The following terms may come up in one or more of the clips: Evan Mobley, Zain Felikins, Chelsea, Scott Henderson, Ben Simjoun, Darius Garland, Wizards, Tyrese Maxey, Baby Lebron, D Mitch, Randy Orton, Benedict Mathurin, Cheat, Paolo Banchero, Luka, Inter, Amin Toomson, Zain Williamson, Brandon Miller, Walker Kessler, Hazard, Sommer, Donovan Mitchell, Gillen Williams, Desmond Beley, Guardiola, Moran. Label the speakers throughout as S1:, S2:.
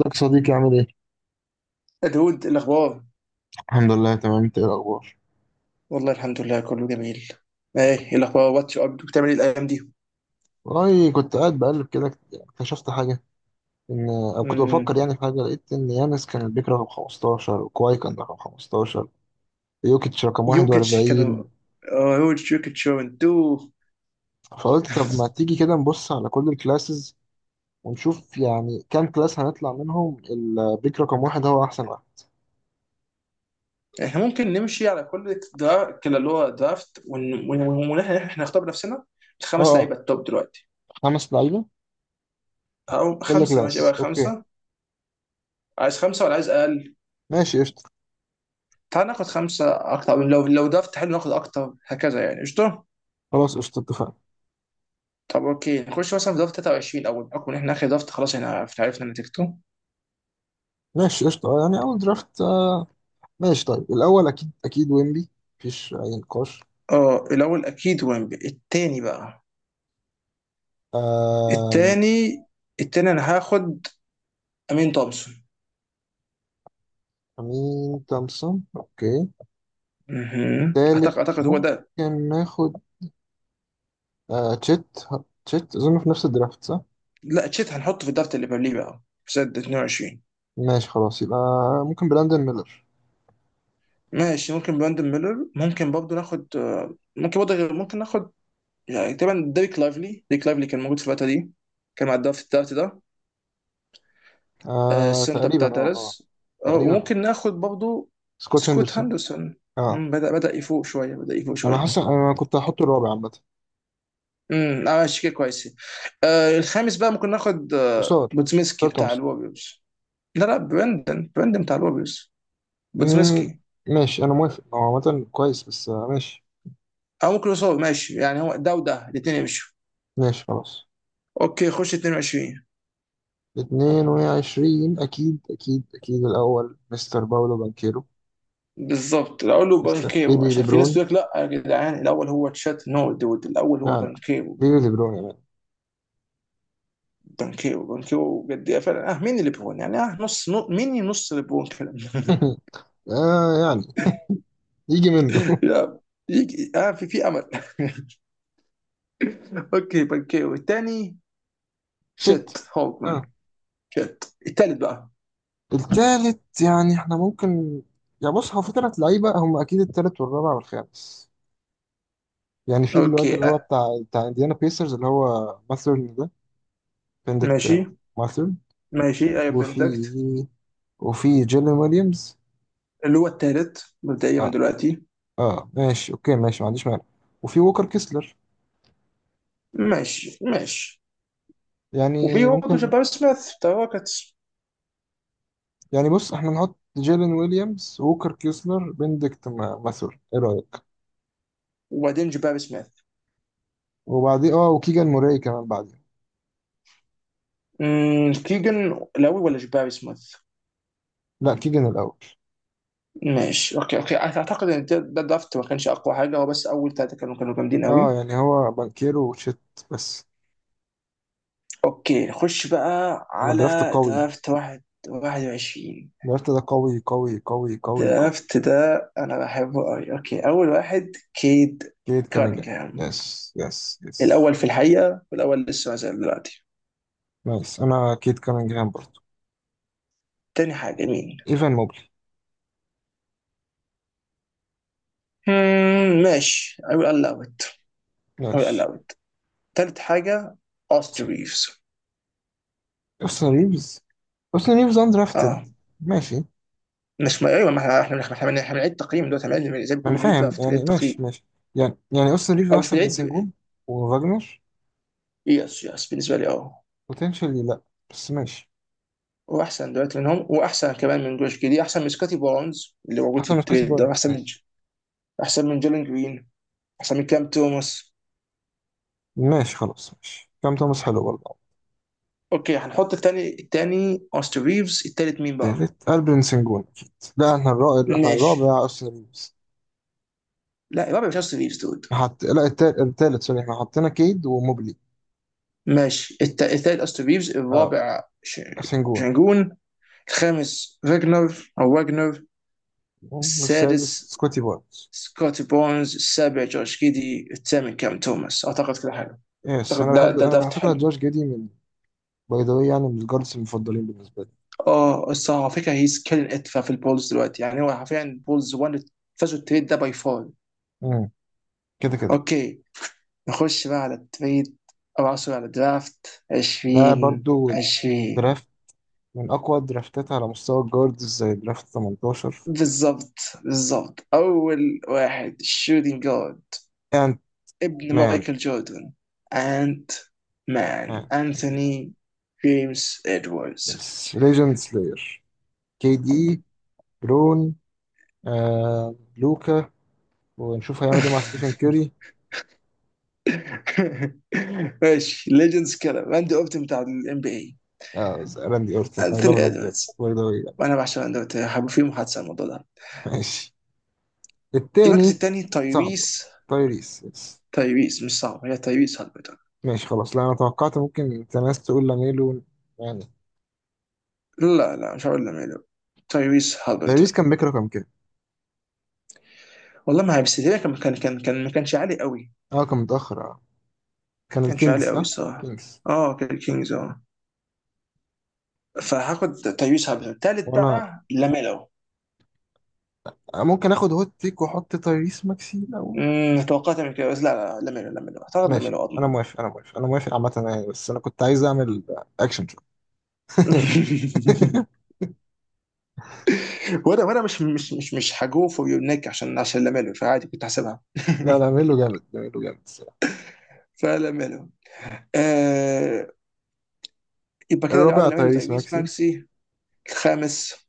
S1: ازيك يا صديقي عامل ايه؟
S2: يا دود، إيه الاخبار؟
S1: الحمد لله تمام انت ايه الاخبار.
S2: والله الحمد لله كله جميل. ايه. إيه الاخبار واتش اب؟ بتعمل ايه الايام دي؟
S1: والله كنت قاعد بقلب كده اكتشفت حاجة إن أو كنت بفكر
S2: امم
S1: يعني في حاجة لقيت إن يانس كان البيك رقم 15، وكواي كان رقم 15، يوكيتش رقم
S2: يوكيتش كانوا.
S1: 41.
S2: يوكيتش وانتو.
S1: فقلت طب ما تيجي كده نبص على كل الكلاسز ونشوف يعني كام كلاس هنطلع منهم البيك رقم واحد هو أحسن واحد.
S2: احنا ممكن نمشي على كل درا... كلا اللي هو درافت احنا نختار بنفسنا
S1: اه
S2: الخمس
S1: اه
S2: لعيبه التوب دلوقتي.
S1: خمس لعيبة
S2: او
S1: كل
S2: خمسه، ماشي
S1: كلاس.
S2: بقى
S1: اوكي
S2: خمسه. عايز خمسه ولا عايز اقل؟
S1: ماشي قشطة،
S2: تعال ناخد خمسه. اكتر، لو درافت حلو ناخد اكتر، هكذا يعني قشطه.
S1: خلاص قشطة اتفقنا.
S2: طب اوكي، نخش مثلا في درافت 23 اول بحكم ان احنا اخر درافت، خلاص احنا عرفنا نتيجته.
S1: ماشي قشطة، اه يعني أول درافت. ماشي طيب الأول أكيد أكيد ويمبي، مفيش أي نقاش.
S2: اه، الاول اكيد ويمبي. التاني بقى.
S1: آم،
S2: التاني، التاني انا هاخد امين تومسون.
S1: أمين تومسون أوكي.
S2: مهم.
S1: تالت
S2: اعتقد هو ده.
S1: ممكن ناخد تشيت. تشيت أظن في نفس الدرافت صح؟
S2: لا، تشيت هنحطه في الدرافت اللي قبليه بقى، في سنه 22.
S1: ماشي خلاص يبقى ممكن براندن ميلر.
S2: ماشي، ممكن براندن ميلر، ممكن برضه ناخد ممكن برضه ممكن ناخد يعني تقريبا ديريك لايفلي. ديريك لايفلي كان موجود في الفتره دي، كان مع الدرافت التالت ده.
S1: آه
S2: السنتر
S1: تقريبا
S2: بتاع
S1: اه.
S2: دالاس.
S1: تقريبا اه.
S2: وممكن ناخد برضه
S1: سكوت
S2: سكوت
S1: هندرسون.
S2: هاندرسون.
S1: اه،
S2: بدأ يفوق شويه، بدأ يفوق
S1: أنا
S2: شويه.
S1: حاسس أنا كنت هحطه الرابع عامة.
S2: اه، ماشي كده كويسين. آه، الخامس بقى ممكن ناخد آه
S1: قصار،
S2: بوتسميسكي
S1: قصار
S2: بتاع
S1: تومسون.
S2: الوريوز. لا لا، برندن بتاع الوريوز،
S1: مم،
S2: بوتسميسكي.
S1: ماشي أنا موافق، هو عامة كويس، بس آه ماشي.
S2: او ممكن يوصل، ماشي يعني هو ده وده الاثنين يمشوا.
S1: ماشي خلاص.
S2: اوكي، خش 22.
S1: 22 أكيد أكيد أكيد الأول مستر باولو بانكيرو.
S2: بالظبط، الاول هو
S1: مستر
S2: بانكيرو،
S1: بيبي
S2: عشان في ناس
S1: ليبرون.
S2: تقول لك لا يا جدعان الاول هو تشات. نو دود، الاول هو
S1: لا لا،
S2: بانكيرو.
S1: بيبي ليبرون يا مان.
S2: بانكيرو بانكيرو بجد، إيه فعلا، اه مين ليبرون يعني؟ اه، نص، نو مين، نص ليبرون كده.
S1: آه يعني، يجي منه.
S2: لا، يجي، اه في امل. اوكي، بانكيرو الثاني
S1: شت،
S2: شت هولمان.
S1: آه.
S2: شت التالت بقى.
S1: التالت يعني إحنا ممكن، يا بص هو في تلات لعيبة هم أكيد التالت والرابع والخامس. يعني في الواد
S2: اوكي
S1: اللي هو بتاع إنديانا بيسرز اللي هو ماثرن ده.
S2: ماشي،
S1: بندكت ماثرن.
S2: ماشي اي
S1: وفي
S2: بندكت
S1: وفي جيلين ويليامز.
S2: اللي هو التالت مبدئيا من
S1: آه
S2: دلوقتي.
S1: آه ماشي أوكي ماشي، ما عنديش مانع. وفي ووكر كيسلر
S2: ماشي. ماشي، وفي
S1: يعني
S2: برضه
S1: ممكن.
S2: جباري سميث بتاع روكيتس.
S1: يعني بص احنا نحط جيلين ويليامز، ووكر كيسلر، بندكت ماثور، ايه رأيك؟
S2: وبعدين جباري سميث.
S1: وبعدين اه، وكيجان موراي كمان بعدين.
S2: كيجن. الاول ولا جباري سميث؟
S1: لا، كيجان الأول.
S2: ماشي اوكي، اوكي. اعتقد ان ده درافت ما كانش اقوى حاجه، هو بس اول ثلاثه كانوا، كانوا جامدين
S1: اه
S2: قوي.
S1: يعني هو بانكيرو وشيت بس.
S2: اوكي، نخش بقى
S1: انا درافت
S2: على
S1: قوي،
S2: درافت واحد 21.
S1: درافت ده قوي قوي قوي قوي قوي.
S2: درافت ده انا بحبه قوي. اوكي، اول واحد كيد
S1: كيت كانينجهام.
S2: كانينغهام،
S1: يس يس يس.
S2: الأول في الحقيقة والأول لسه ما زال دلوقتي.
S1: نايس، انا كيت كانينجهام برضه.
S2: تاني حاجة مين؟
S1: ايفان موبلي.
S2: مم، ماشي. I will allow it. I will
S1: ماشي.
S2: allow it. تالت حاجة أوستر ريفز.
S1: اوستن ريفز. اوستن ريفز اندرافتد.
S2: اه
S1: ماشي.
S2: مش، ما ايوه، ما احنا إحنا بنعيد تقييم دلوقتي، احنا زي ما
S1: ما
S2: كنا
S1: انا
S2: بنعيد بقى
S1: فاهم
S2: في تقييم،
S1: يعني، ماشي
S2: التقييم.
S1: ماشي. يعني اصلا ريفيو
S2: او مش
S1: احسن من
S2: بنعيد.
S1: سنجون وفاجنر
S2: يس يس، بالنسبة لي اه.
S1: بوتنشالي، لا بس ماشي.
S2: واحسن دلوقتي منهم، واحسن كمان من جوش جدي، احسن من سكوتي بونز اللي موجود في
S1: احسن من سكوتي
S2: التريد ده،
S1: بارن،
S2: احسن من،
S1: ماشي.
S2: احسن من جيلين جرين، احسن من كام توماس.
S1: ماشي خلاص ماشي، كام توماس حلو برضه.
S2: اوكي، هنحط التاني. التاني اوستر ريفز. التالت مين بقى؟
S1: تالت البن سنجون اكيد. لا احنا الرابع، احنا
S2: ماشي.
S1: الرابع اصلا ريفيوز.
S2: لا الرابع مش أستون ريفز دود.
S1: لا التالت، التالت سوري، احنا حطينا كيد وموبلي.
S2: ماشي، التالت أستون ريفز،
S1: اه،
S2: الرابع
S1: سنجون.
S2: شنجون. الخامس فاجنر أو واجنر.
S1: والسادس
S2: السادس
S1: سكوتي بارنز.
S2: سكوتي بونز، السابع جورج كيدي، الثامن كام توماس. أعتقد كده حلو.
S1: يس انا
S2: أعتقد ده
S1: بحب،
S2: ده
S1: انا على
S2: دافت
S1: فكره
S2: حلو.
S1: جورج جيدي من، باي ذا واي، يعني من الجاردز المفضلين بالنسبه لي.
S2: اه الصراحة، على فكرة هيز كيلين ات في البولز دلوقتي، يعني هو حرفيا البولز وان فازوا التريد ده باي فول.
S1: مم. كده كده.
S2: اوكي، نخش بقى على التريد. او عصر على الدرافت
S1: ده
S2: 20.
S1: برضو
S2: 20
S1: درافت، من أقوى الدرافتات على مستوى الجاردز زي درافت 18.
S2: بالظبط، بالظبط اول واحد shooting guard،
S1: أنت
S2: ابن
S1: مان،
S2: مايكل جوردن، انت مان
S1: مان أكيد.
S2: انثوني. جيمس ادواردز.
S1: يس ليجند سلاير، كي دي، برون، آه لوكا، ونشوف هيعمل إيه مع ستيفن كيري.
S2: ماشي، ليجندز كده راندي اورتن بتاع الام بي اي.
S1: آه راندي أورتن، أي لاف
S2: انثوني
S1: راندي أورتن
S2: ادواردز،
S1: باي ذا واي.
S2: وانا بعشق راندي اورتن، هبقى في محادثه عن الموضوع ده.
S1: ماشي.
S2: المركز
S1: التاني
S2: الثاني
S1: صعبة.
S2: تايريس.
S1: تايريس يس.
S2: تايريس مش صعب، هي تايريس هالبرتون.
S1: ماشي خلاص، لا أنا توقعت ممكن أنت ناس تقول لاميلو يعني.
S2: لا لا، مش هقول لميلو. تايريس
S1: تايريس
S2: هالبرتون.
S1: كان بيكره كام كده.
S2: والله ما هيبس ليه، كان ما كانش عالي قوي.
S1: أه كان متأخر أه. كان
S2: كانش
S1: الكينجز
S2: عالي قوي
S1: صح؟
S2: الصراحه.
S1: كينجز.
S2: اه كان كينجز اه. فهاخد تايوس هابرتون تالت
S1: وأنا،
S2: بقى لاميلو.
S1: أنا ممكن اخد هوت تيك واحط تايريس ماكسي الاول.
S2: توقعت من كده بس، لا لا، لاميلو، لاميلو اعتقد
S1: ماشي
S2: لاميلو
S1: انا
S2: اضمن.
S1: موافق انا موافق انا موافق عامه يعني، بس انا كنت عايز اعمل اكشن شو.
S2: وانا، وانا مش هجو فور يور نيك، عشان، عشان لاميلو فعادي كنت هحسبها.
S1: لا، لا ميلو جامد، ميلو جامد الصراحه.
S2: فلاميلو. آه، يبقى كده اللي بعد
S1: الرابع
S2: لاميلو
S1: تايريس
S2: تايويس
S1: ماكسي.
S2: ماكسي. الخامس،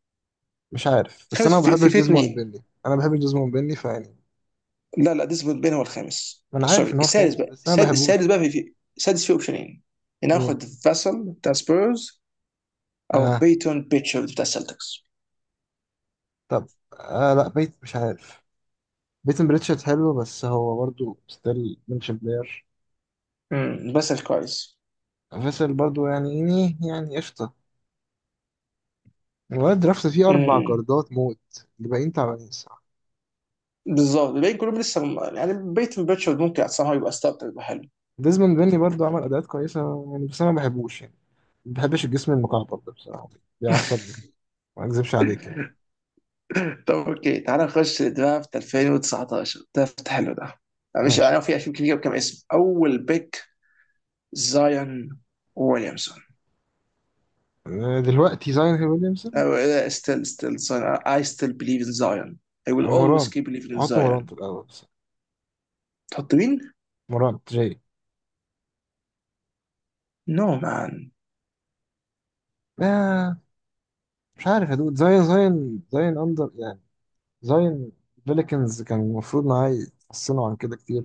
S1: مش عارف بس انا
S2: الخامس
S1: ما
S2: في، في,
S1: بحبش
S2: في
S1: ديزموند
S2: اثنين.
S1: بيلي، انا بحب ديزموند بيلي فيعني.
S2: لا لا، ديسبوت بين هو الخامس،
S1: ما انا عارف
S2: سوري.
S1: ان هو
S2: السادس
S1: الخامس
S2: بقى،
S1: بس انا ما
S2: السادس
S1: بحبوش.
S2: السادس بقى في، في السادس فيه اوبشنين.
S1: مين؟
S2: ناخد فاسل بتاع سبيرز، او
S1: اه.
S2: بيتون بيتشارد بتاع السلتكس.
S1: طب آه لا بيت مش عارف، بيتن بريتشارد حلو بس هو برضه ستيل منشن بلاير.
S2: بسأل كويس.
S1: فيصل برضه يعني يعني قشطه. الواد درافت فيه اربع
S2: امم
S1: جاردات موت، الباقيين تعبانين.
S2: بالظبط، الباقيين كلهم لسه يعني بيتون بيتشارد ممكن somehow يبقى ستارتر، يبقى حلو.
S1: ديزموند بيني برضو عمل اداءات كويسه يعني، بس انا ما بحبوش يعني. ما بحبش الجسم المكعب ده بصراحه، بيعصبني، ما اكذبش عليك يعني.
S2: طب اوكي، تعالى نخش درافت 2019، درافت حلو ده. مش انا،
S1: ماشي.
S2: في، في كتير كم اسم. اول بيك زايون ويليامسون.
S1: آه، دلوقتي زاين ويليامسون.
S2: ستيل، ستيل. اي ستيل بليف ان زايون. I will
S1: آه، موران.
S2: always keep believing in
S1: احط موران
S2: Zion.
S1: في الاول بس.
S2: تحط مين؟
S1: موران جاي.
S2: No man.
S1: آه مش عارف يا دود، زاين زاين اندر يعني. زاين، فيليكنز كان المفروض معاه يحسنوا عن كده كتير،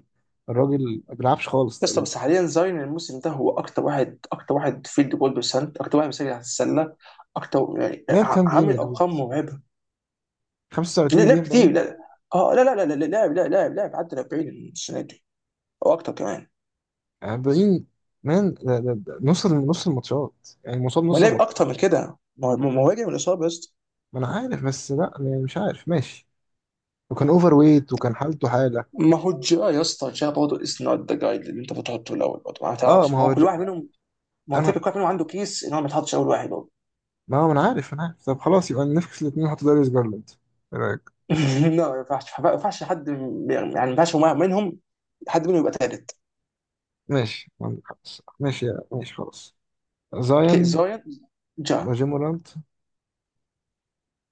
S1: الراجل ما بيلعبش خالص
S2: اسطى،
S1: تقريبا.
S2: بس حاليا زاين الموسم ده هو اكتر واحد، اكتر واحد فيلد جول برسنت، اكتر واحد مسجل على السله، اكتر يعني،
S1: لعب كام جيم يا
S2: عامل
S1: دود،
S2: ارقام مرعبه.
S1: 35
S2: لعب
S1: جيم
S2: كتير،
S1: باين.
S2: لا. اه لا لا لا لا، لاعب لا، لاعب عدى 40 السنه دي او اكتر كمان.
S1: 40، مان ده ده نص نص الماتشات يعني، مصاب
S2: ما
S1: نص
S2: لعب
S1: الماتشات.
S2: اكتر من كده، ما هو راجع من الاصابه يا اسطى.
S1: ما انا عارف بس لا يعني، مش عارف ماشي. وكان اوفر ويت وكان حالته حاله.
S2: ما هو جا يا اسطى، جا برضه، از نوت ذا جايد اللي انت بتحطه الاول برضه، ما
S1: اه
S2: تعرفش
S1: ما
S2: ما هو
S1: هو
S2: كل واحد منهم. ما هو الفكره
S1: انا،
S2: كل واحد منهم عنده كيس ان هو ما يتحطش اول واحد برضه.
S1: ما هو انا عارف انا عارف، طب خلاص يبقى نفكس الاثنين وحط داريوس جارلاند، ايه رايك؟
S2: لا، ما ينفعش حد، يعني ما ينفعش منهم حد منهم يبقى ثالث.
S1: ماشي عندك حق الصراحة. ماشي ماشي خلاص.
S2: اوكي،
S1: زاين
S2: جا.
S1: وجيم مورانت.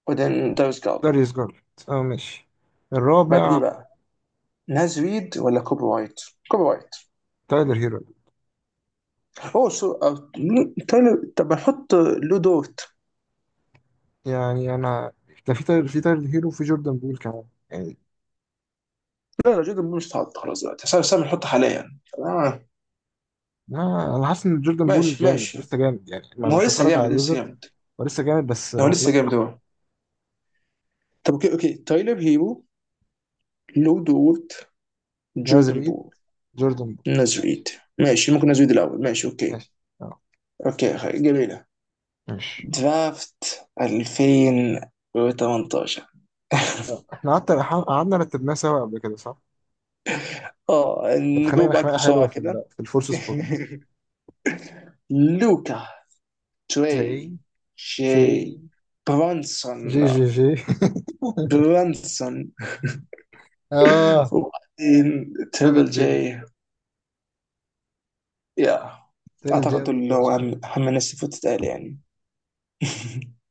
S2: وبعدين داريس جال.
S1: داريوس جارلاند اه ماشي. الرابع
S2: بعديه بقى ناز ريد ولا كوبي وايت؟ كوبي وايت.
S1: تايلر هيرو.
S2: اوه سو، آه، تايلر. طب احط لو دورت.
S1: يعني انا كان في تايلر في تايلر هيرو وفي جوردن بول كمان يعني.
S2: لا لا جدا، مش هتحط خلاص دلوقتي سام، نحط حاليا. آه.
S1: ما انا حاسس ان جوردن بول
S2: ماشي،
S1: جامد،
S2: ماشي.
S1: لسه جامد يعني، ما
S2: ما هو
S1: بشوف
S2: لسه
S1: اتفرج على
S2: جامد، لسه
S1: الويزرد،
S2: جامد.
S1: ولسه جامد بس
S2: ما هو
S1: هو
S2: لسه
S1: بيلعب
S2: جامد
S1: لوحده.
S2: هو. طب اوكي، اوكي تايلر هيرو، لو دورت،
S1: نازل
S2: جوردن
S1: ايد.
S2: بول،
S1: جوردن بول.
S2: ناز ريد. ماشي، ممكن ناز ريد الاول، ماشي اوكي.
S1: ماشي اه
S2: اوكي جميلة.
S1: ماشي.
S2: درافت 2018.
S1: آه، احنا قعدت، قعدنا رتبناه سوا قبل كده صح؟
S2: اه، نجو
S1: واتخانقنا
S2: باك
S1: خناقة حلوة
S2: بسرعة كده.
S1: في الفورس سبوت.
S2: لوكا،
S1: تري.
S2: تري،
S1: شي.
S2: شي، برونسون.
S1: جي جي جي.
S2: برونسون.
S1: اه
S2: وبعدين
S1: تريبل
S2: تريبل
S1: جي.
S2: جي. يا.
S1: تريبل جي
S2: اعتقد دول
S1: قبل
S2: اللي هو
S1: برونسون، قبل.
S2: اهم، اهم الناس اللي فوتت قال يعني.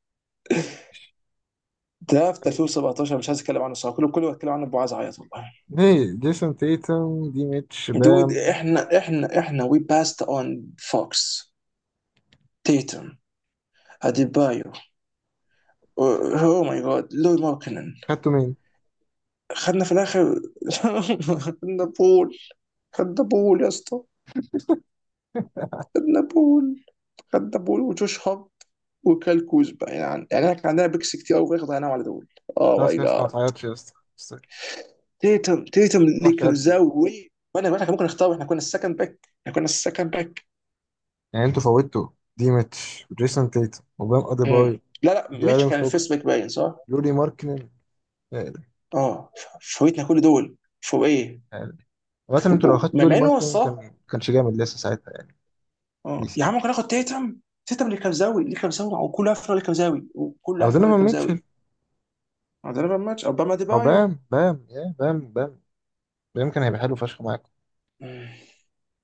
S2: درافت 2017 مش عايز اتكلم عنه صراحه، كله، كله بتكلم عنه ابو، عايز اعيط والله.
S1: ليه جيسون تيتم دي ميتش بام؟
S2: دود، احنا وي باست اون فوكس، تيتم، اديبايو. او ماي جاد لوي ماركنن.
S1: خدتوا مين؟
S2: خدنا في الاخر. خدنا بول. خدنا بول يا اسطى. خدنا بول. خدنا بول وجوش هارت وكال كوزبا، يعني يعني احنا كان عندنا بيكس كتير قوي في ضيعناهم على دول. اوه
S1: خلاص
S2: ماي
S1: يا اسطى ما
S2: جاد.
S1: تعيطش يا اسطى بس ما
S2: تيتم، اللي
S1: تقطعش
S2: كان
S1: قلبي.
S2: زوي، وانا واحنا كان ممكن نختار، احنا كنا السكند باك، احنا كنا السكند باك.
S1: يعني انتوا فوتوا دي ميتش وجيسون تيتم وبام أديبايو،
S2: مم. لا لا، ميتش
S1: جارين
S2: كان
S1: فوكس،
S2: الفيرست باك باين صح؟
S1: لوري ماركنن. آه.
S2: اه، فوتنا كل دول فوق ايه؟
S1: آه. لغاية ان
S2: فوق
S1: انتوا لو
S2: بول،
S1: اخدتوا
S2: ما
S1: لوري
S2: مع انه هو
S1: ماركنن
S2: الصح.
S1: كان كانش جامد لسه ساعتها يعني.
S2: اه
S1: بيس
S2: يا عم،
S1: يعني.
S2: ممكن ناخد تيتم. تيتم اللي كان زاوي، اللي كان زاوي وكل عفره، اللي كان زاوي وكل
S1: او
S2: عفره، اللي
S1: دونوفان
S2: كان
S1: ميتشل.
S2: زاوي. ده ماتش اوباما
S1: او
S2: ديبايو.
S1: بام بام، يا بام بام، بام كان هيبقى حلو فشخ معاكم.
S2: مم.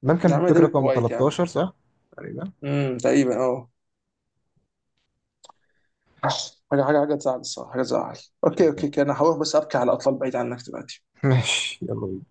S1: بام
S2: يا
S1: كان
S2: عم
S1: بيك
S2: ده
S1: رقم
S2: وايت يا عم.
S1: 13 صح. تقريبا.
S2: تقريبا اه. حاجه تزعل الصراحه، حاجه تزعل. اوكي، اوكي،
S1: آه.
S2: اوكي، انا هروح بس ابكي على اطلال بعيد عنك دلوقتي.
S1: ماشي يلا بينا.